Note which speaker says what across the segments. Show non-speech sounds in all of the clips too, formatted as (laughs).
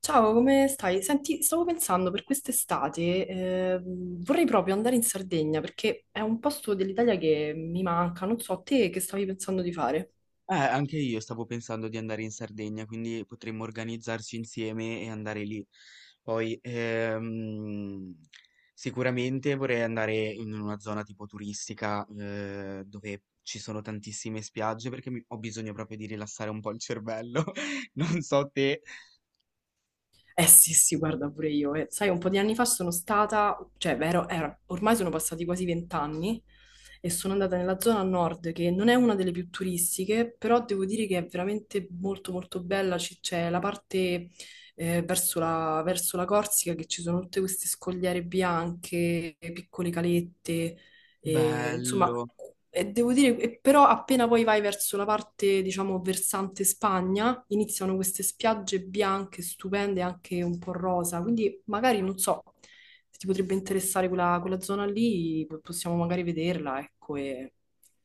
Speaker 1: Ciao, come stai? Senti, stavo pensando per quest'estate, vorrei proprio andare in Sardegna perché è un posto dell'Italia che mi manca, non so, te che stavi pensando di fare?
Speaker 2: Anche io stavo pensando di andare in Sardegna, quindi potremmo organizzarci insieme e andare lì. Poi, sicuramente vorrei andare in una zona tipo turistica, dove ci sono tantissime spiagge, perché ho bisogno proprio di rilassare un po' il cervello. (laughs) Non so te.
Speaker 1: Eh sì, sì, guarda pure io. Sai, un po' di anni fa sono stata, cioè, beh, ormai sono passati quasi vent'anni e sono andata nella zona nord, che non è una delle più turistiche, però devo dire che è veramente molto molto bella. C'è la parte verso la Corsica, che ci sono tutte queste scogliere bianche, piccole calette, e, insomma,
Speaker 2: Bello.
Speaker 1: e devo dire, e però appena poi vai verso la parte, diciamo, versante Spagna, iniziano queste spiagge bianche, stupende, anche un po' rosa, quindi magari, non so, se ti potrebbe interessare quella zona lì, possiamo magari vederla, ecco. E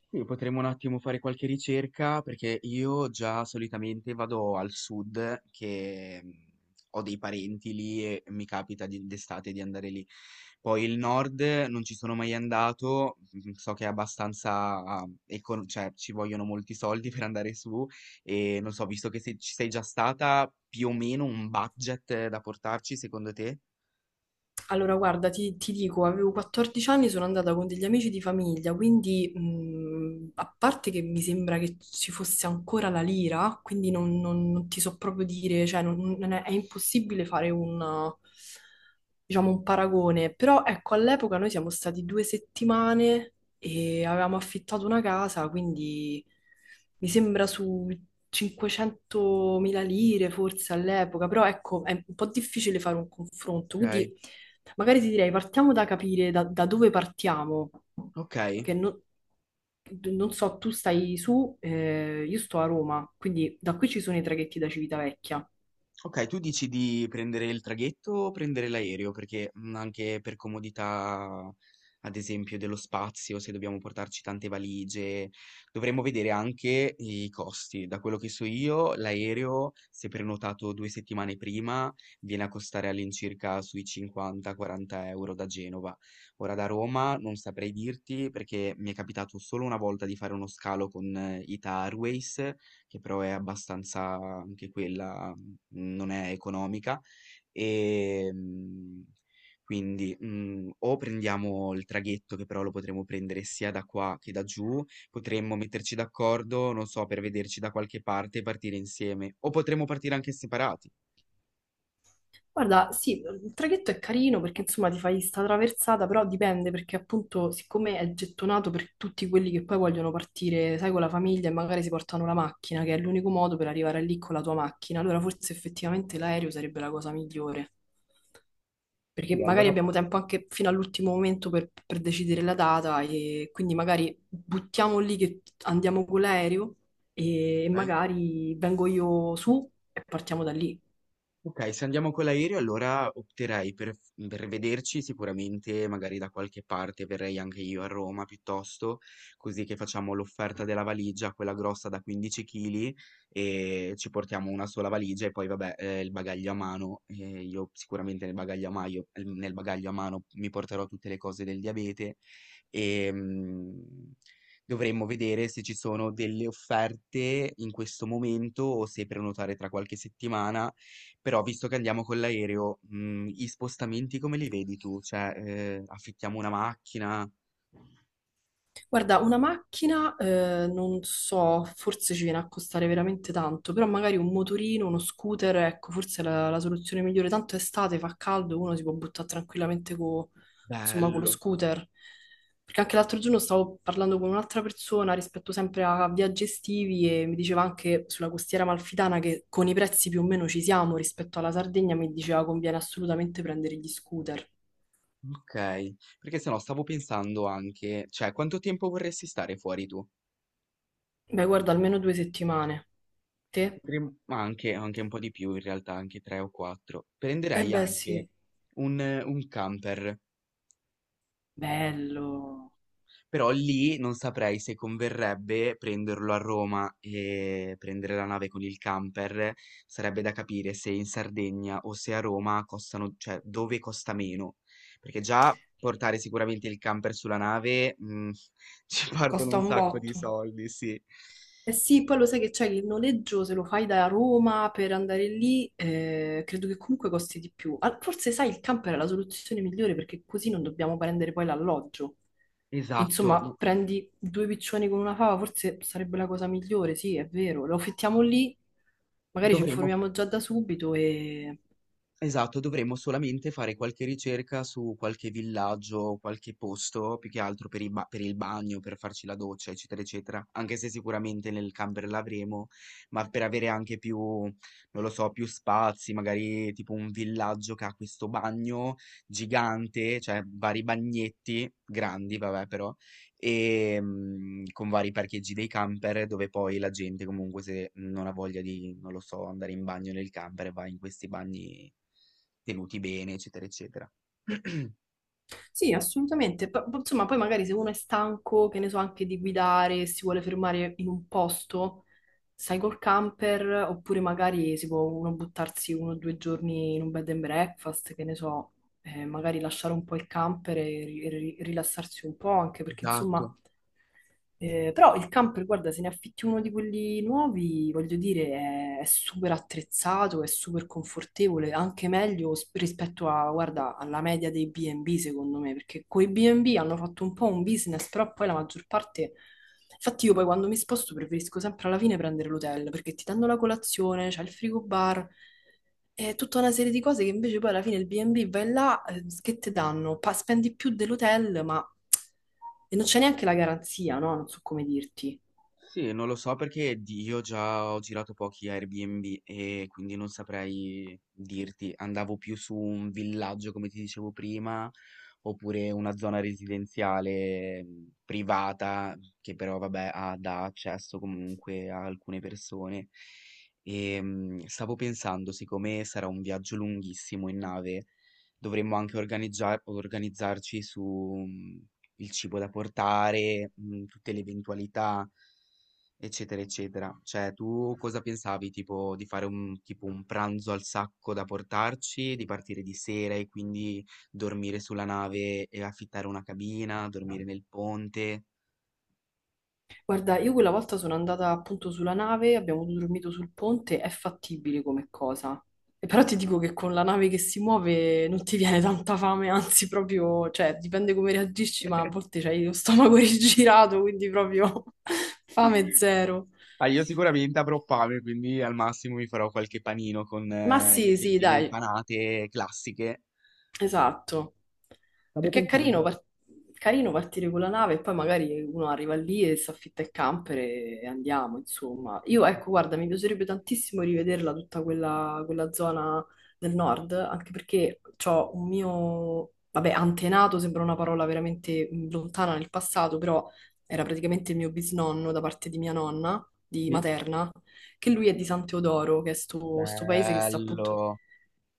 Speaker 2: Sì, potremmo un attimo fare qualche ricerca perché io già solitamente vado al sud che ho dei parenti lì e mi capita d'estate di andare lì. Poi il nord non ci sono mai andato, so che è abbastanza, cioè ci vogliono molti soldi (laughs) per andare su, e non so, visto che se ci sei già stata, più o meno un budget da portarci secondo te?
Speaker 1: allora, guarda, ti dico, avevo 14 anni, sono andata con degli amici di famiglia, quindi a parte che mi sembra che ci fosse ancora la lira, quindi non ti so proprio dire, cioè non- non è, è impossibile fare un, diciamo, un paragone, però ecco, all'epoca noi siamo stati due settimane e avevamo affittato una casa, quindi mi sembra su 500.000 lire forse all'epoca, però ecco, è un po' difficile fare un confronto,
Speaker 2: Ok,
Speaker 1: quindi. Magari ti direi, partiamo da capire da dove partiamo,
Speaker 2: ok.
Speaker 1: che non so, tu stai su, io sto a Roma, quindi da qui ci sono i traghetti da Civitavecchia.
Speaker 2: Okay, tu dici di prendere il traghetto o prendere l'aereo? Perché, anche per comodità, ad esempio, dello spazio, se dobbiamo portarci tante valigie, dovremmo vedere anche i costi. Da quello che so io, l'aereo, se prenotato 2 settimane prima, viene a costare all'incirca sui 50, 40 € da Genova. Ora da Roma non saprei dirti, perché mi è capitato solo una volta di fare uno scalo con Ita Airways, che però è abbastanza, anche quella non è economica, ehm, quindi, o prendiamo il traghetto, che però lo potremo prendere sia da qua che da giù, potremmo metterci d'accordo, non so, per vederci da qualche parte e partire insieme, o potremmo partire anche separati.
Speaker 1: Guarda, sì, il traghetto è carino perché insomma ti fai sta traversata, però dipende perché appunto siccome è gettonato per tutti quelli che poi vogliono partire, sai, con la famiglia e magari si portano la macchina, che è l'unico modo per arrivare lì con la tua macchina, allora forse effettivamente l'aereo sarebbe la cosa migliore, perché
Speaker 2: Sì,
Speaker 1: magari
Speaker 2: allora.
Speaker 1: abbiamo tempo anche fino all'ultimo momento per decidere la data e quindi magari buttiamo lì che andiamo con l'aereo e
Speaker 2: Okay?
Speaker 1: magari vengo io su e partiamo da lì.
Speaker 2: Ok, se andiamo con l'aereo allora opterei per vederci sicuramente magari da qualche parte, verrei anche io a Roma piuttosto, così che facciamo l'offerta della valigia, quella grossa da 15 kg, e ci portiamo una sola valigia. E poi vabbè, il bagaglio a mano, io sicuramente nel nel bagaglio a mano mi porterò tutte le cose del diabete, e dovremmo vedere se ci sono delle offerte in questo momento o se prenotare tra qualche settimana, però visto che andiamo con l'aereo, gli spostamenti come li vedi tu? Cioè, affittiamo una macchina?
Speaker 1: Guarda, una macchina, non so, forse ci viene a costare veramente tanto, però magari un motorino, uno scooter, ecco, forse è la soluzione migliore. Tanto è estate, fa caldo, uno si può buttare tranquillamente insomma, con lo
Speaker 2: Bello,
Speaker 1: scooter. Perché anche l'altro giorno stavo parlando con un'altra persona rispetto sempre a viaggi estivi e mi diceva anche sulla costiera amalfitana che con i prezzi più o meno ci siamo rispetto alla Sardegna, mi diceva conviene assolutamente prendere gli scooter.
Speaker 2: okay. Perché se no stavo pensando anche, cioè, quanto tempo vorresti stare fuori tu?
Speaker 1: Beh, guarda, almeno due settimane. Te?
Speaker 2: Potrem Ma anche un po' di più in realtà, anche 3 o 4.
Speaker 1: Eh
Speaker 2: Prenderei
Speaker 1: beh,
Speaker 2: anche
Speaker 1: sì.
Speaker 2: un camper.
Speaker 1: Bello.
Speaker 2: Però lì non saprei se converrebbe prenderlo a Roma e prendere la nave con il camper. Sarebbe da capire se in Sardegna o se a Roma costano, cioè dove costa meno. Perché già portare sicuramente il camper sulla nave, (laughs) ci partono
Speaker 1: Costa
Speaker 2: un
Speaker 1: un
Speaker 2: sacco di
Speaker 1: botto.
Speaker 2: soldi, sì.
Speaker 1: Eh sì, poi lo sai che c'è che il noleggio, se lo fai da Roma per andare lì, credo che comunque costi di più. Ah, forse, sai, il camper è la soluzione migliore perché così non dobbiamo prendere poi l'alloggio.
Speaker 2: Esatto,
Speaker 1: Insomma, prendi due piccioni con una fava, forse sarebbe la cosa migliore, sì, è vero. Lo affittiamo lì, magari ci
Speaker 2: dovremmo
Speaker 1: informiamo già da subito, e
Speaker 2: Esatto, dovremmo solamente fare qualche ricerca su qualche villaggio, qualche posto, più che altro per il bagno, per farci la doccia, eccetera, eccetera. Anche se sicuramente nel camper l'avremo, ma per avere anche più, non lo so, più spazi, magari tipo un villaggio che ha questo bagno gigante, cioè vari bagnetti grandi, vabbè, però, con vari parcheggi dei camper dove poi la gente comunque se non ha voglia di, non lo so, andare in bagno nel camper, va in questi bagni tenuti bene, eccetera, eccetera. (clears throat)
Speaker 1: sì, assolutamente. Insomma, poi magari se uno è stanco, che ne so, anche di guidare, e si vuole fermare in un posto, sai col camper, oppure magari si può uno buttarsi uno o due giorni in un bed and breakfast, che ne so, magari lasciare un po' il camper e rilassarsi un po', anche perché insomma
Speaker 2: Esatto.
Speaker 1: però il camper, guarda, se ne affitti uno di quelli nuovi, voglio dire, è super attrezzato, è super confortevole, anche meglio rispetto a, guarda, alla media dei B&B, secondo me, perché coi B&B hanno fatto un po' un business, però poi la maggior parte. Infatti io poi quando mi sposto preferisco sempre alla fine prendere l'hotel, perché ti danno la colazione, c'è il frigo bar, è tutta una serie di cose che invece poi alla fine il B&B vai là, che ti danno? Spendi più dell'hotel, ma e non c'è neanche la garanzia, no? Non so come dirti.
Speaker 2: Sì, non lo so perché io già ho girato pochi Airbnb e quindi non saprei dirti. Andavo più su un villaggio, come ti dicevo prima, oppure una zona residenziale, privata, che però, vabbè, dà accesso comunque a alcune persone. E stavo pensando, siccome sarà un viaggio lunghissimo in nave, dovremmo anche organizzarci su, mm, il cibo da portare, tutte le eventualità. Eccetera, eccetera. Cioè, tu cosa pensavi, tipo, di fare tipo, un pranzo al sacco da portarci, di partire di sera e quindi dormire sulla nave e affittare una cabina, dormire nel ponte?
Speaker 1: Guarda, io quella volta sono andata appunto sulla nave, abbiamo dormito sul ponte, è fattibile come cosa. E però ti dico che con la nave che si muove non ti viene tanta fame, anzi proprio, cioè dipende come reagisci, ma a volte c'hai lo stomaco (laughs) rigirato, quindi proprio (laughs) fame zero.
Speaker 2: Ah, io sicuramente avrò fame, quindi al massimo mi farò qualche panino con
Speaker 1: Ma
Speaker 2: le
Speaker 1: sì, sì,
Speaker 2: fettine
Speaker 1: dai,
Speaker 2: impanate classiche.
Speaker 1: esatto, perché è carino, carino partire con la nave e poi magari uno arriva lì e si affitta il camper e andiamo, insomma. Io ecco, guarda, mi piacerebbe tantissimo rivederla tutta quella zona del nord, anche perché ho un mio, vabbè, antenato, sembra una parola veramente lontana nel passato, però era praticamente il mio bisnonno da parte di mia nonna, di
Speaker 2: Sì.
Speaker 1: materna, che lui è di San Teodoro, che è sto paese che sta appunto,
Speaker 2: Bello.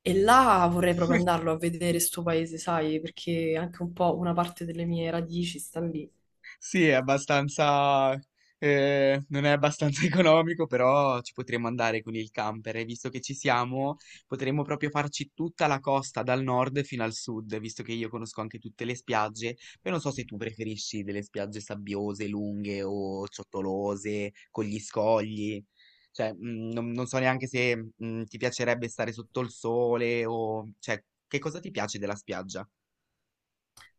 Speaker 1: e là vorrei proprio andarlo a vedere sto paese, sai, perché anche un po' una parte delle mie radici sta lì.
Speaker 2: Sì, è abbastanza, non è abbastanza (laughs) economico, però ci potremmo andare con il camper e visto che ci siamo, potremmo proprio farci tutta la costa dal nord fino al sud, visto che io conosco anche tutte le spiagge. Poi non so se tu preferisci delle spiagge sabbiose, lunghe o ciottolose, con gli scogli. Cioè, non so neanche se, ti piacerebbe stare sotto il sole o, cioè, che cosa ti piace della spiaggia?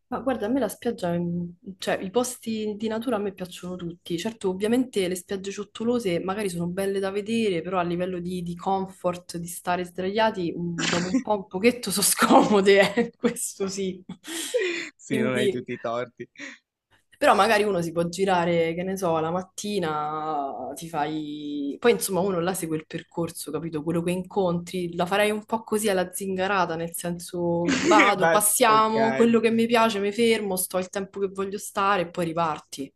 Speaker 1: Ma guarda, a me la spiaggia, cioè i posti di natura a me piacciono tutti. Certo, ovviamente le spiagge ciottolose magari sono belle da vedere, però a livello di, comfort, di stare sdraiati, dopo un po' un
Speaker 2: (laughs)
Speaker 1: pochetto sono scomode, (laughs) questo sì.
Speaker 2: Sì, non hai
Speaker 1: Quindi
Speaker 2: tutti i torti.
Speaker 1: però magari uno si può girare, che ne so, la mattina ti fai. Poi insomma uno là segue il percorso, capito? Quello che incontri, la farei un po' così alla zingarata, nel senso
Speaker 2: (laughs)
Speaker 1: vado,
Speaker 2: Bye.
Speaker 1: passiamo,
Speaker 2: Ok.
Speaker 1: quello che mi piace mi fermo, sto il tempo che voglio stare e poi riparti.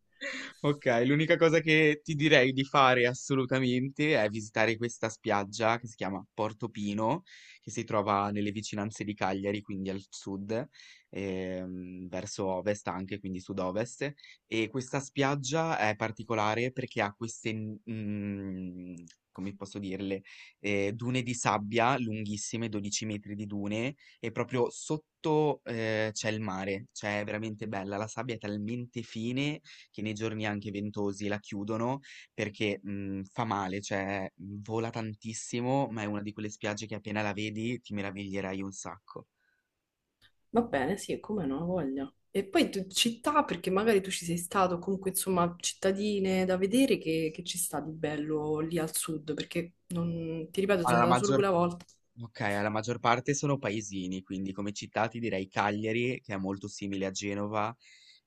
Speaker 2: Ok, l'unica cosa che ti direi di fare assolutamente è visitare questa spiaggia che si chiama Portopino, che si trova nelle vicinanze di Cagliari, quindi al sud, verso ovest anche, quindi sud-ovest. E questa spiaggia è particolare perché ha queste, come posso dirle, dune di sabbia lunghissime, 12 metri di dune, e proprio sotto, c'è il mare, cioè è veramente bella, la sabbia è talmente fine che nei giorni anche ventosi la chiudono perché fa male, cioè vola tantissimo, ma è una di quelle spiagge che appena la vedi ti meraviglierai un sacco.
Speaker 1: Va bene, sì, e come non ho voglia. E poi città, perché magari tu ci sei stato, comunque insomma cittadine da vedere che, ci sta di bello lì al sud, perché non, ti ripeto, sono
Speaker 2: Allora, la
Speaker 1: andata solo
Speaker 2: maggior
Speaker 1: quella volta.
Speaker 2: okay, la maggior parte sono paesini, quindi come città ti direi Cagliari, che è molto simile a Genova,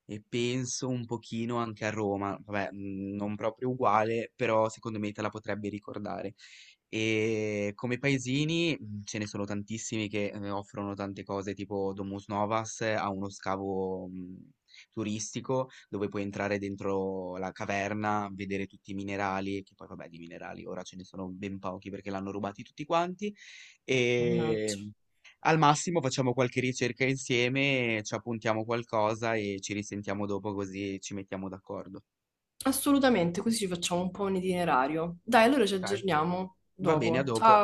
Speaker 2: e penso un pochino anche a Roma, vabbè, non proprio uguale, però secondo me te la potrebbe ricordare. E come paesini, ce ne sono tantissimi che, offrono tante cose, tipo Domus Novas, ha uno scavo, turistico dove puoi entrare dentro la caverna, vedere tutti i minerali, che poi vabbè di minerali ora ce ne sono ben pochi perché l'hanno rubati tutti quanti, e
Speaker 1: Mannaggia.
Speaker 2: al massimo facciamo qualche ricerca insieme, ci appuntiamo qualcosa e ci risentiamo dopo così ci mettiamo d'accordo.
Speaker 1: Assolutamente, così ci facciamo un po' un itinerario. Dai, allora ci
Speaker 2: Ok.
Speaker 1: aggiorniamo
Speaker 2: Va bene, a
Speaker 1: dopo.
Speaker 2: dopo.
Speaker 1: Ciao!